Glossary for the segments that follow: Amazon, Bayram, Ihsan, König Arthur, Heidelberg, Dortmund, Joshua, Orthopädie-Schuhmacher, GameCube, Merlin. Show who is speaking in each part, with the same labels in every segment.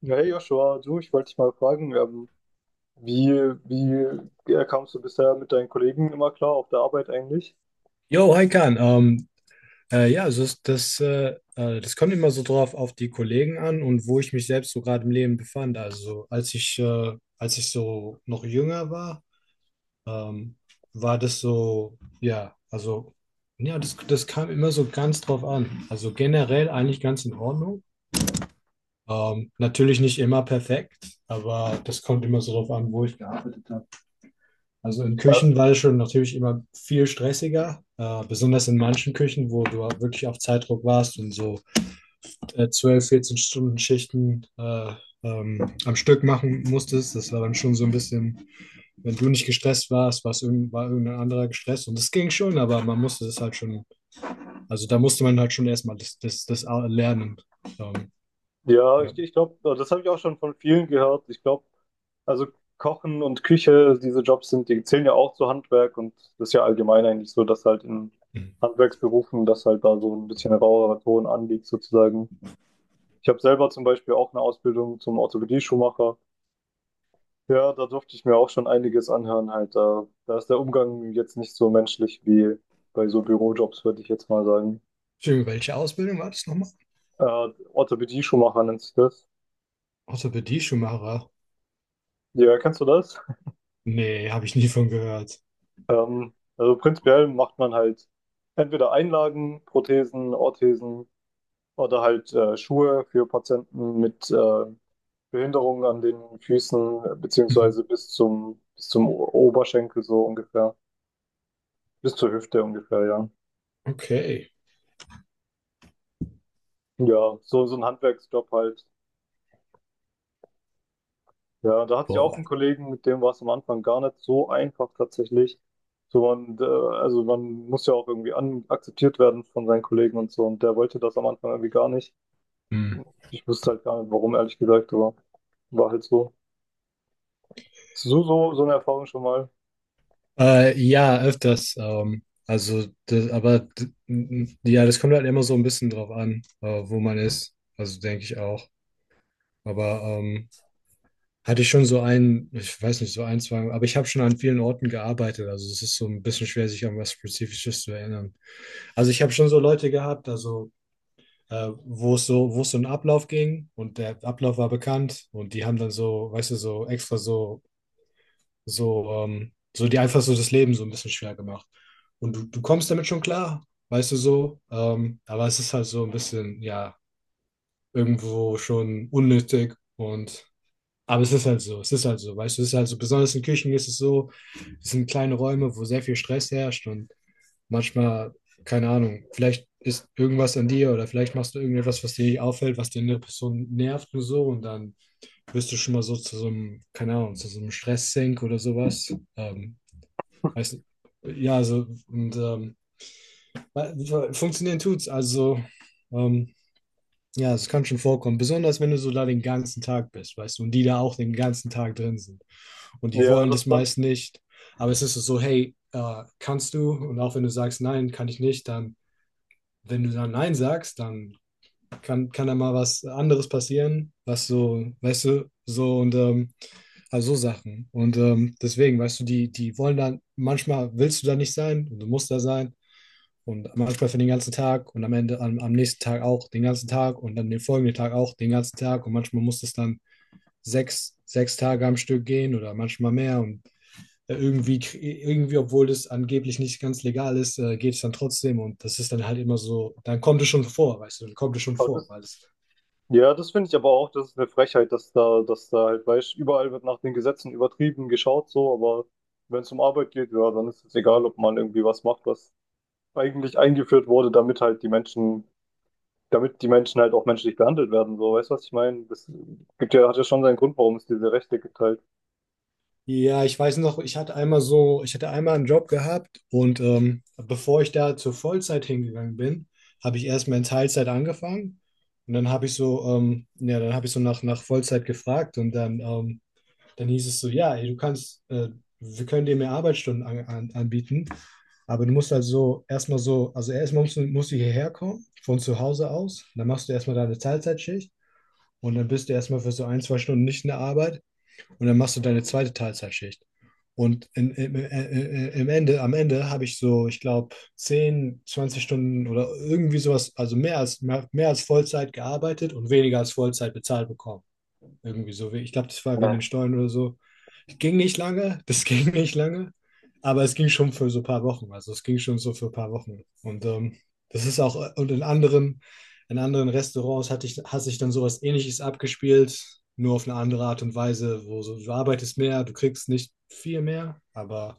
Speaker 1: Ja, hey Joshua, du, ich wollte dich mal fragen, wie, wie kamst du bisher mit deinen Kollegen immer klar auf der Arbeit eigentlich?
Speaker 2: Jo, hi Kahn. Ja, also das kommt immer so drauf auf die Kollegen an und wo ich mich selbst so gerade im Leben befand. Also als ich so noch jünger war, ähm, war das so, ja, also ja, das kam immer so ganz drauf an. Also generell eigentlich ganz in Ordnung. Natürlich nicht immer perfekt, aber das kommt immer so drauf an, wo ich gearbeitet habe. Also in
Speaker 1: Ja,
Speaker 2: Küchen war das schon natürlich immer viel stressiger, besonders in manchen Küchen, wo du wirklich auf Zeitdruck warst und so 12, 14 Stunden Schichten am Stück machen musstest. Das war dann schon so ein bisschen, wenn du nicht gestresst warst, war irgendein anderer gestresst und das ging schon, aber man musste das halt schon, also da musste man halt schon erstmal das lernen. Ähm,
Speaker 1: ja
Speaker 2: ja.
Speaker 1: ich, ich glaube, das habe ich auch schon von vielen gehört. Ich glaube, also Kochen und Küche, diese Jobs sind, die zählen ja auch zu Handwerk, und das ist ja allgemein eigentlich so, dass halt in
Speaker 2: Hm.
Speaker 1: Handwerksberufen, dass halt da so ein bisschen ein rauerer Ton anliegt sozusagen. Ich habe selber zum Beispiel auch eine Ausbildung zum Orthopädie-Schuhmacher. Ja, da durfte ich mir auch schon einiges anhören halt. Da ist der Umgang jetzt nicht so menschlich wie bei so Bürojobs, würde ich jetzt mal sagen.
Speaker 2: Entschuldigung, welche Ausbildung war das nochmal?
Speaker 1: Orthopädie Schuhmacher nennt sich das.
Speaker 2: Orthopädie-Schuhmacher?
Speaker 1: Ja, kennst du das?
Speaker 2: Nee, habe ich nie von gehört.
Speaker 1: Also prinzipiell macht man halt entweder Einlagen, Prothesen, Orthesen oder halt Schuhe für Patienten mit Behinderungen an den Füßen,
Speaker 2: Mhm.
Speaker 1: beziehungsweise Oberschenkel so ungefähr, bis zur Hüfte ungefähr, ja.
Speaker 2: Okay.
Speaker 1: Ja, so, so ein Handwerksjob halt. Ja, da hatte ich auch
Speaker 2: Boah.
Speaker 1: einen Kollegen, mit dem war es am Anfang gar nicht so einfach tatsächlich. Also man muss ja auch irgendwie an akzeptiert werden von seinen Kollegen und so. Und der wollte das am Anfang irgendwie gar nicht.
Speaker 2: Hm.
Speaker 1: Ich wusste halt gar nicht, warum, ehrlich gesagt, aber war halt so. So, so, so eine Erfahrung schon mal.
Speaker 2: Ja, öfters. Also, aber ja, das kommt halt immer so ein bisschen drauf an, wo man ist. Also denke ich auch. Aber hatte ich schon so einen, ich weiß nicht, so ein, zwei, aber ich habe schon an vielen Orten gearbeitet. Also es ist so ein bisschen schwer, sich an was Spezifisches zu erinnern. Also ich habe schon so Leute gehabt, also wo es so, einen Ablauf ging und der Ablauf war bekannt und die haben dann so, weißt du, so extra so, so dir einfach so das Leben so ein bisschen schwer gemacht. Und du kommst damit schon klar, weißt du so. Aber es ist halt so ein bisschen, ja, irgendwo schon unnötig und. Aber es ist halt so, es ist halt so, weißt du, es ist halt so, besonders in Küchen ist es so, es sind kleine Räume, wo sehr viel Stress herrscht und manchmal, keine Ahnung, vielleicht ist irgendwas an dir oder vielleicht machst du irgendetwas, was dir nicht auffällt, was die andere Person nervt nur so und dann wirst du schon mal so zu so einem, keine Ahnung, zu so einem Stresssink oder sowas. Weiß nicht. Ja, also, funktionieren tut's. Also, ähm, ja, es kann schon vorkommen. Besonders wenn du so da den ganzen Tag bist, weißt du, und die da auch den ganzen Tag drin sind. Und die
Speaker 1: Ja,
Speaker 2: wollen das
Speaker 1: das dann.
Speaker 2: meist nicht. Aber es ist so, hey, kannst du? Und auch wenn du sagst, nein, kann ich nicht, dann, wenn du dann nein sagst, dann kann da mal was anderes passieren, was so, weißt du, so und also so Sachen. Und deswegen, weißt du, die wollen dann, manchmal willst du da nicht sein und du musst da sein. Und manchmal für den ganzen Tag und am Ende am nächsten Tag auch den ganzen Tag und dann den folgenden Tag auch den ganzen Tag. Und manchmal muss das dann sechs Tage am Stück gehen oder manchmal mehr. Und irgendwie, obwohl das angeblich nicht ganz legal ist, geht es dann trotzdem und das ist dann halt immer so, dann kommt es schon vor, weißt du, dann kommt es schon
Speaker 1: Aber
Speaker 2: vor,
Speaker 1: das,
Speaker 2: weil es.
Speaker 1: ja, das finde ich aber auch, das ist eine Frechheit, dass da halt, weißt, überall wird nach den Gesetzen übertrieben geschaut, so, aber wenn es um Arbeit geht, ja, dann ist es egal, ob man irgendwie was macht, was eigentlich eingeführt wurde, damit halt die Menschen damit die Menschen halt auch menschlich behandelt werden, so, weißt du, was ich meine? Das gibt ja, hat ja schon seinen Grund, warum es diese Rechte gibt halt.
Speaker 2: Ja, ich weiß noch, ich hatte einmal einen Job gehabt und bevor ich da zur Vollzeit hingegangen bin, habe ich erstmal in Teilzeit angefangen und dann habe ich so, ja, dann habe ich so nach Vollzeit gefragt und dann hieß es so, ja, ey, wir können dir mehr Arbeitsstunden anbieten, aber du musst also erstmal so, also erstmal musst du hierher kommen von zu Hause aus, dann machst du erstmal deine Teilzeitschicht und dann bist du erstmal für so ein, zwei Stunden nicht in der Arbeit. Und dann machst du deine zweite Teilzeitschicht. Und in, im, im Ende, am Ende habe ich so, ich glaube, 10 20 Stunden oder irgendwie sowas, also mehr als, mehr, mehr als Vollzeit gearbeitet und weniger als Vollzeit bezahlt bekommen. Irgendwie so. Ich glaube, das war wegen
Speaker 1: Ja.
Speaker 2: den Steuern oder so. Ging nicht lange, das ging nicht lange, aber es ging schon für so ein paar Wochen. Also es ging schon so für ein paar Wochen. Und das ist auch, und in anderen, Restaurants hatte ich, hat sich dann sowas ähnliches abgespielt, nur auf eine andere Art und Weise, wo so, du arbeitest mehr, du kriegst nicht viel mehr, aber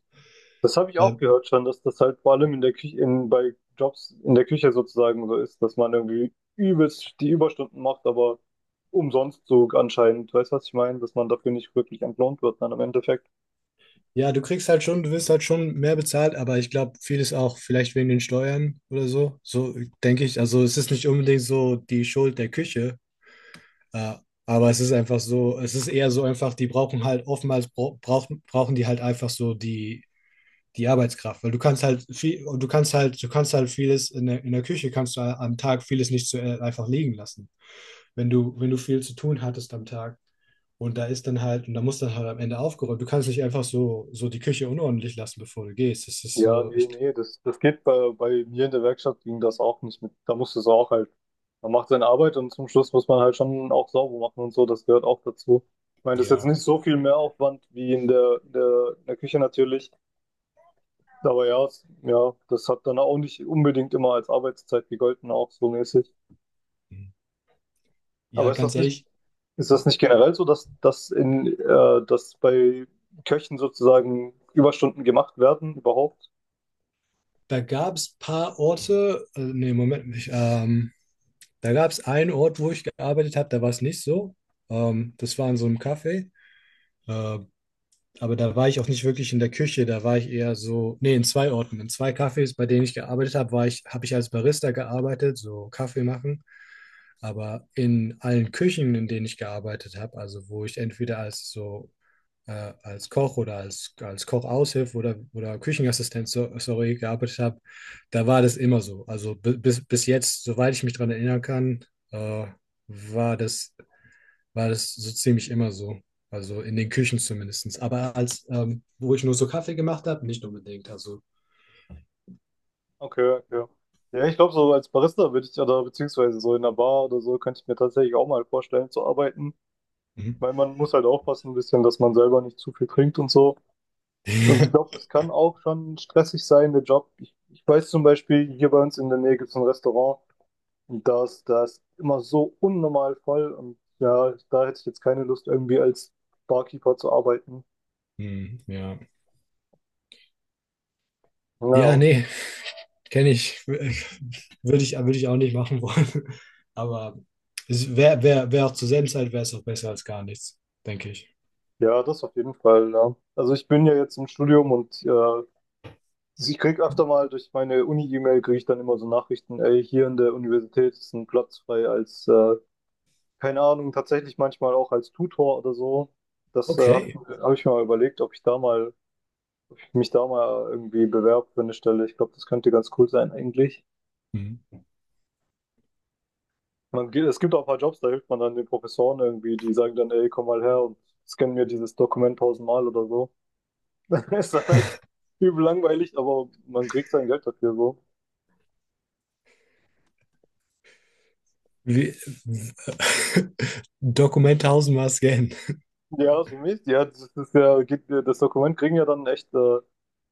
Speaker 1: Das habe ich
Speaker 2: äh,
Speaker 1: auch gehört schon, dass das halt vor allem in der Küche, in, bei Jobs in der Küche sozusagen so ist, dass man irgendwie übelst die Überstunden macht, aber umsonst so anscheinend, weißt du, was ich meine? Dass man dafür nicht wirklich entlohnt wird dann im Endeffekt.
Speaker 2: ja, du kriegst halt schon, du wirst halt schon mehr bezahlt, aber ich glaube, vieles auch vielleicht wegen den Steuern oder so. So denke ich. Also es ist nicht unbedingt so die Schuld der Küche. Ja, aber es ist einfach so, es ist eher so einfach, die brauchen halt oftmals brauchen die halt einfach so die Arbeitskraft, weil du kannst halt vieles in der Küche kannst du am Tag vieles nicht so einfach liegen lassen. Wenn du viel zu tun hattest am Tag und da ist dann halt, und da muss dann halt am Ende aufgeräumt. Du kannst nicht einfach so die Küche unordentlich lassen, bevor du gehst. Das ist
Speaker 1: Ja,
Speaker 2: so,
Speaker 1: nee,
Speaker 2: ich,
Speaker 1: nee, das geht bei, bei mir in der Werkstatt ging das auch nicht mit. Da musste es auch halt, man macht seine Arbeit und zum Schluss muss man halt schon auch sauber machen und so, das gehört auch dazu. Ich meine, das ist jetzt
Speaker 2: ja,
Speaker 1: nicht so viel mehr Aufwand wie in der, in der, in der Küche natürlich, aber ja, es, ja, das hat dann auch nicht unbedingt immer als Arbeitszeit gegolten, auch so mäßig. Aber
Speaker 2: ja, ganz ehrlich,
Speaker 1: ist das
Speaker 2: oh,
Speaker 1: nicht generell so, dass bei Köchen sozusagen Überstunden gemacht werden überhaupt?
Speaker 2: da gab es paar Orte, nee, Moment, ich, da gab es einen Ort, wo ich gearbeitet habe, da war es nicht so. Das war in so einem Café. Äh, aber da war ich auch nicht wirklich in der Küche, da war ich eher so, nee, in zwei Orten, in zwei Cafés, bei denen ich gearbeitet habe, war ich, habe ich als Barista gearbeitet, so Kaffee machen. Aber in allen Küchen, in denen ich gearbeitet habe, also wo ich entweder als Koch oder als Kochaushilfe oder Küchenassistent, so, sorry, gearbeitet habe, da war das immer so. Also bis jetzt, soweit ich mich daran erinnern kann, äh, war das, so ziemlich immer so. Also in den Küchen zumindest. Aber wo ich nur so Kaffee gemacht habe, nicht unbedingt. Also.
Speaker 1: Okay, okay. Ja, ich glaube, so als Barista würde ich ja da, beziehungsweise so in einer Bar oder so, könnte ich mir tatsächlich auch mal vorstellen zu arbeiten,
Speaker 2: Mhm.
Speaker 1: weil man muss halt aufpassen ein bisschen, dass man selber nicht zu viel trinkt und so. Und ich glaube, es kann auch schon stressig sein, der Job. Ich weiß zum Beispiel, hier bei uns in der Nähe gibt es ein Restaurant, und das ist, ist immer so unnormal voll, und ja, da hätte ich jetzt keine Lust, irgendwie als Barkeeper zu arbeiten.
Speaker 2: Hm, ja. Ja,
Speaker 1: Ja,
Speaker 2: nee, kenne ich. Würde ich auch nicht machen wollen. Aber es wäre wär, wär wär auch zur selben Zeit wäre es auch besser als gar nichts, denke ich.
Speaker 1: ja, das auf jeden Fall, ja. Also ich bin ja jetzt im Studium, und also ich krieg öfter mal durch meine Uni-E-Mail, kriege ich dann immer so Nachrichten, ey, hier in der Universität ist ein Platz frei als, keine Ahnung, tatsächlich manchmal auch als Tutor oder so. Das
Speaker 2: Okay.
Speaker 1: hab ich mir mal überlegt, ob ich mich da mal irgendwie bewerbe für eine Stelle. Ich glaube, das könnte ganz cool sein eigentlich.
Speaker 2: Mhm.
Speaker 1: Man, es gibt auch ein paar Jobs, da hilft man dann den Professoren irgendwie, die sagen dann, ey, komm mal her und scan mir dieses Dokument tausendmal oder so. Ist dann halt übel langweilig, aber man kriegt sein Geld dafür so.
Speaker 2: Wie, Dokument tausendmal scannen.
Speaker 1: Ja, so Mist. Ja, das ist ja, geht, das Dokument kriegen ja dann echt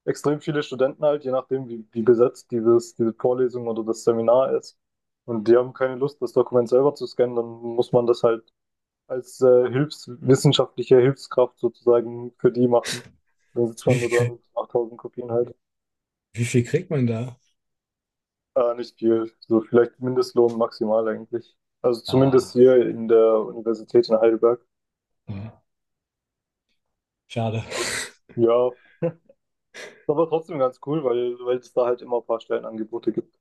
Speaker 1: extrem viele Studenten halt, je nachdem, wie besetzt dieses, diese Vorlesung oder das Seminar ist. Und die haben keine Lust, das Dokument selber zu scannen, dann muss man das halt als Hilfskraft sozusagen für die machen. Dann sitzt
Speaker 2: Wie
Speaker 1: man nur
Speaker 2: viel,
Speaker 1: da
Speaker 2: krieg-
Speaker 1: mit 8000 Kopien halt.
Speaker 2: wie viel kriegt man da?
Speaker 1: Nicht viel, so vielleicht Mindestlohn maximal eigentlich. Also zumindest
Speaker 2: Ah,
Speaker 1: hier in der Universität in Heidelberg.
Speaker 2: ja, schade.
Speaker 1: Ja, ist aber trotzdem ganz cool, weil, weil es da halt immer ein paar Stellenangebote gibt.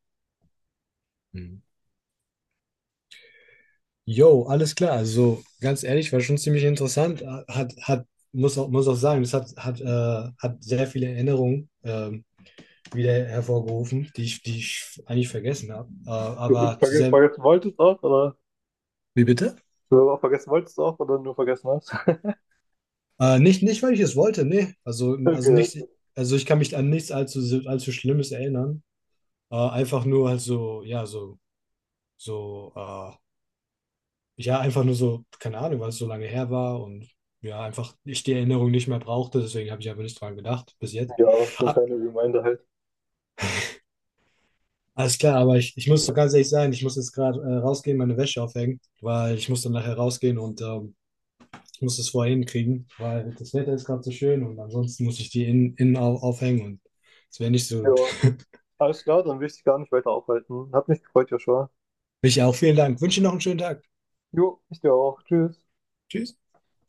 Speaker 2: Mhm. Jo, alles klar. Also ganz ehrlich, war schon ziemlich interessant. Hat, hat, muss auch sagen, das hat sehr viele Erinnerungen wieder hervorgerufen, die ich eigentlich vergessen habe. Aber zu sehr.
Speaker 1: Vergessen wolltest auch, oder?
Speaker 2: Wie bitte?
Speaker 1: Du auch vergessen wolltest auch, oder nur vergessen hast?
Speaker 2: Nicht, weil ich es wollte, nee. Also,
Speaker 1: Okay,
Speaker 2: also
Speaker 1: okay,
Speaker 2: nicht, also ich kann mich an nichts allzu Schlimmes erinnern. Einfach nur halt so, ja, so, ja, einfach nur so, keine Ahnung, weil es so lange her war und ja, einfach ich die Erinnerung nicht mehr brauchte, deswegen habe ich einfach nicht dran gedacht bis jetzt.
Speaker 1: ja, so ein
Speaker 2: Ah,
Speaker 1: kleiner Reminder halt.
Speaker 2: alles klar, aber ich muss ganz ehrlich sein, ich muss jetzt gerade rausgehen, meine Wäsche aufhängen, weil ich muss dann nachher rausgehen und ich muss das vorher hinkriegen, weil das Wetter ist gerade so schön und ansonsten muss ich die aufhängen und es wäre nicht so gut.
Speaker 1: Ja, alles klar, dann will ich dich gar nicht weiter aufhalten. Hat mich gefreut, Joshua.
Speaker 2: Ich auch vielen Dank. Wünsche noch einen schönen Tag.
Speaker 1: Jo, ich dir auch. Tschüss.
Speaker 2: Tschüss.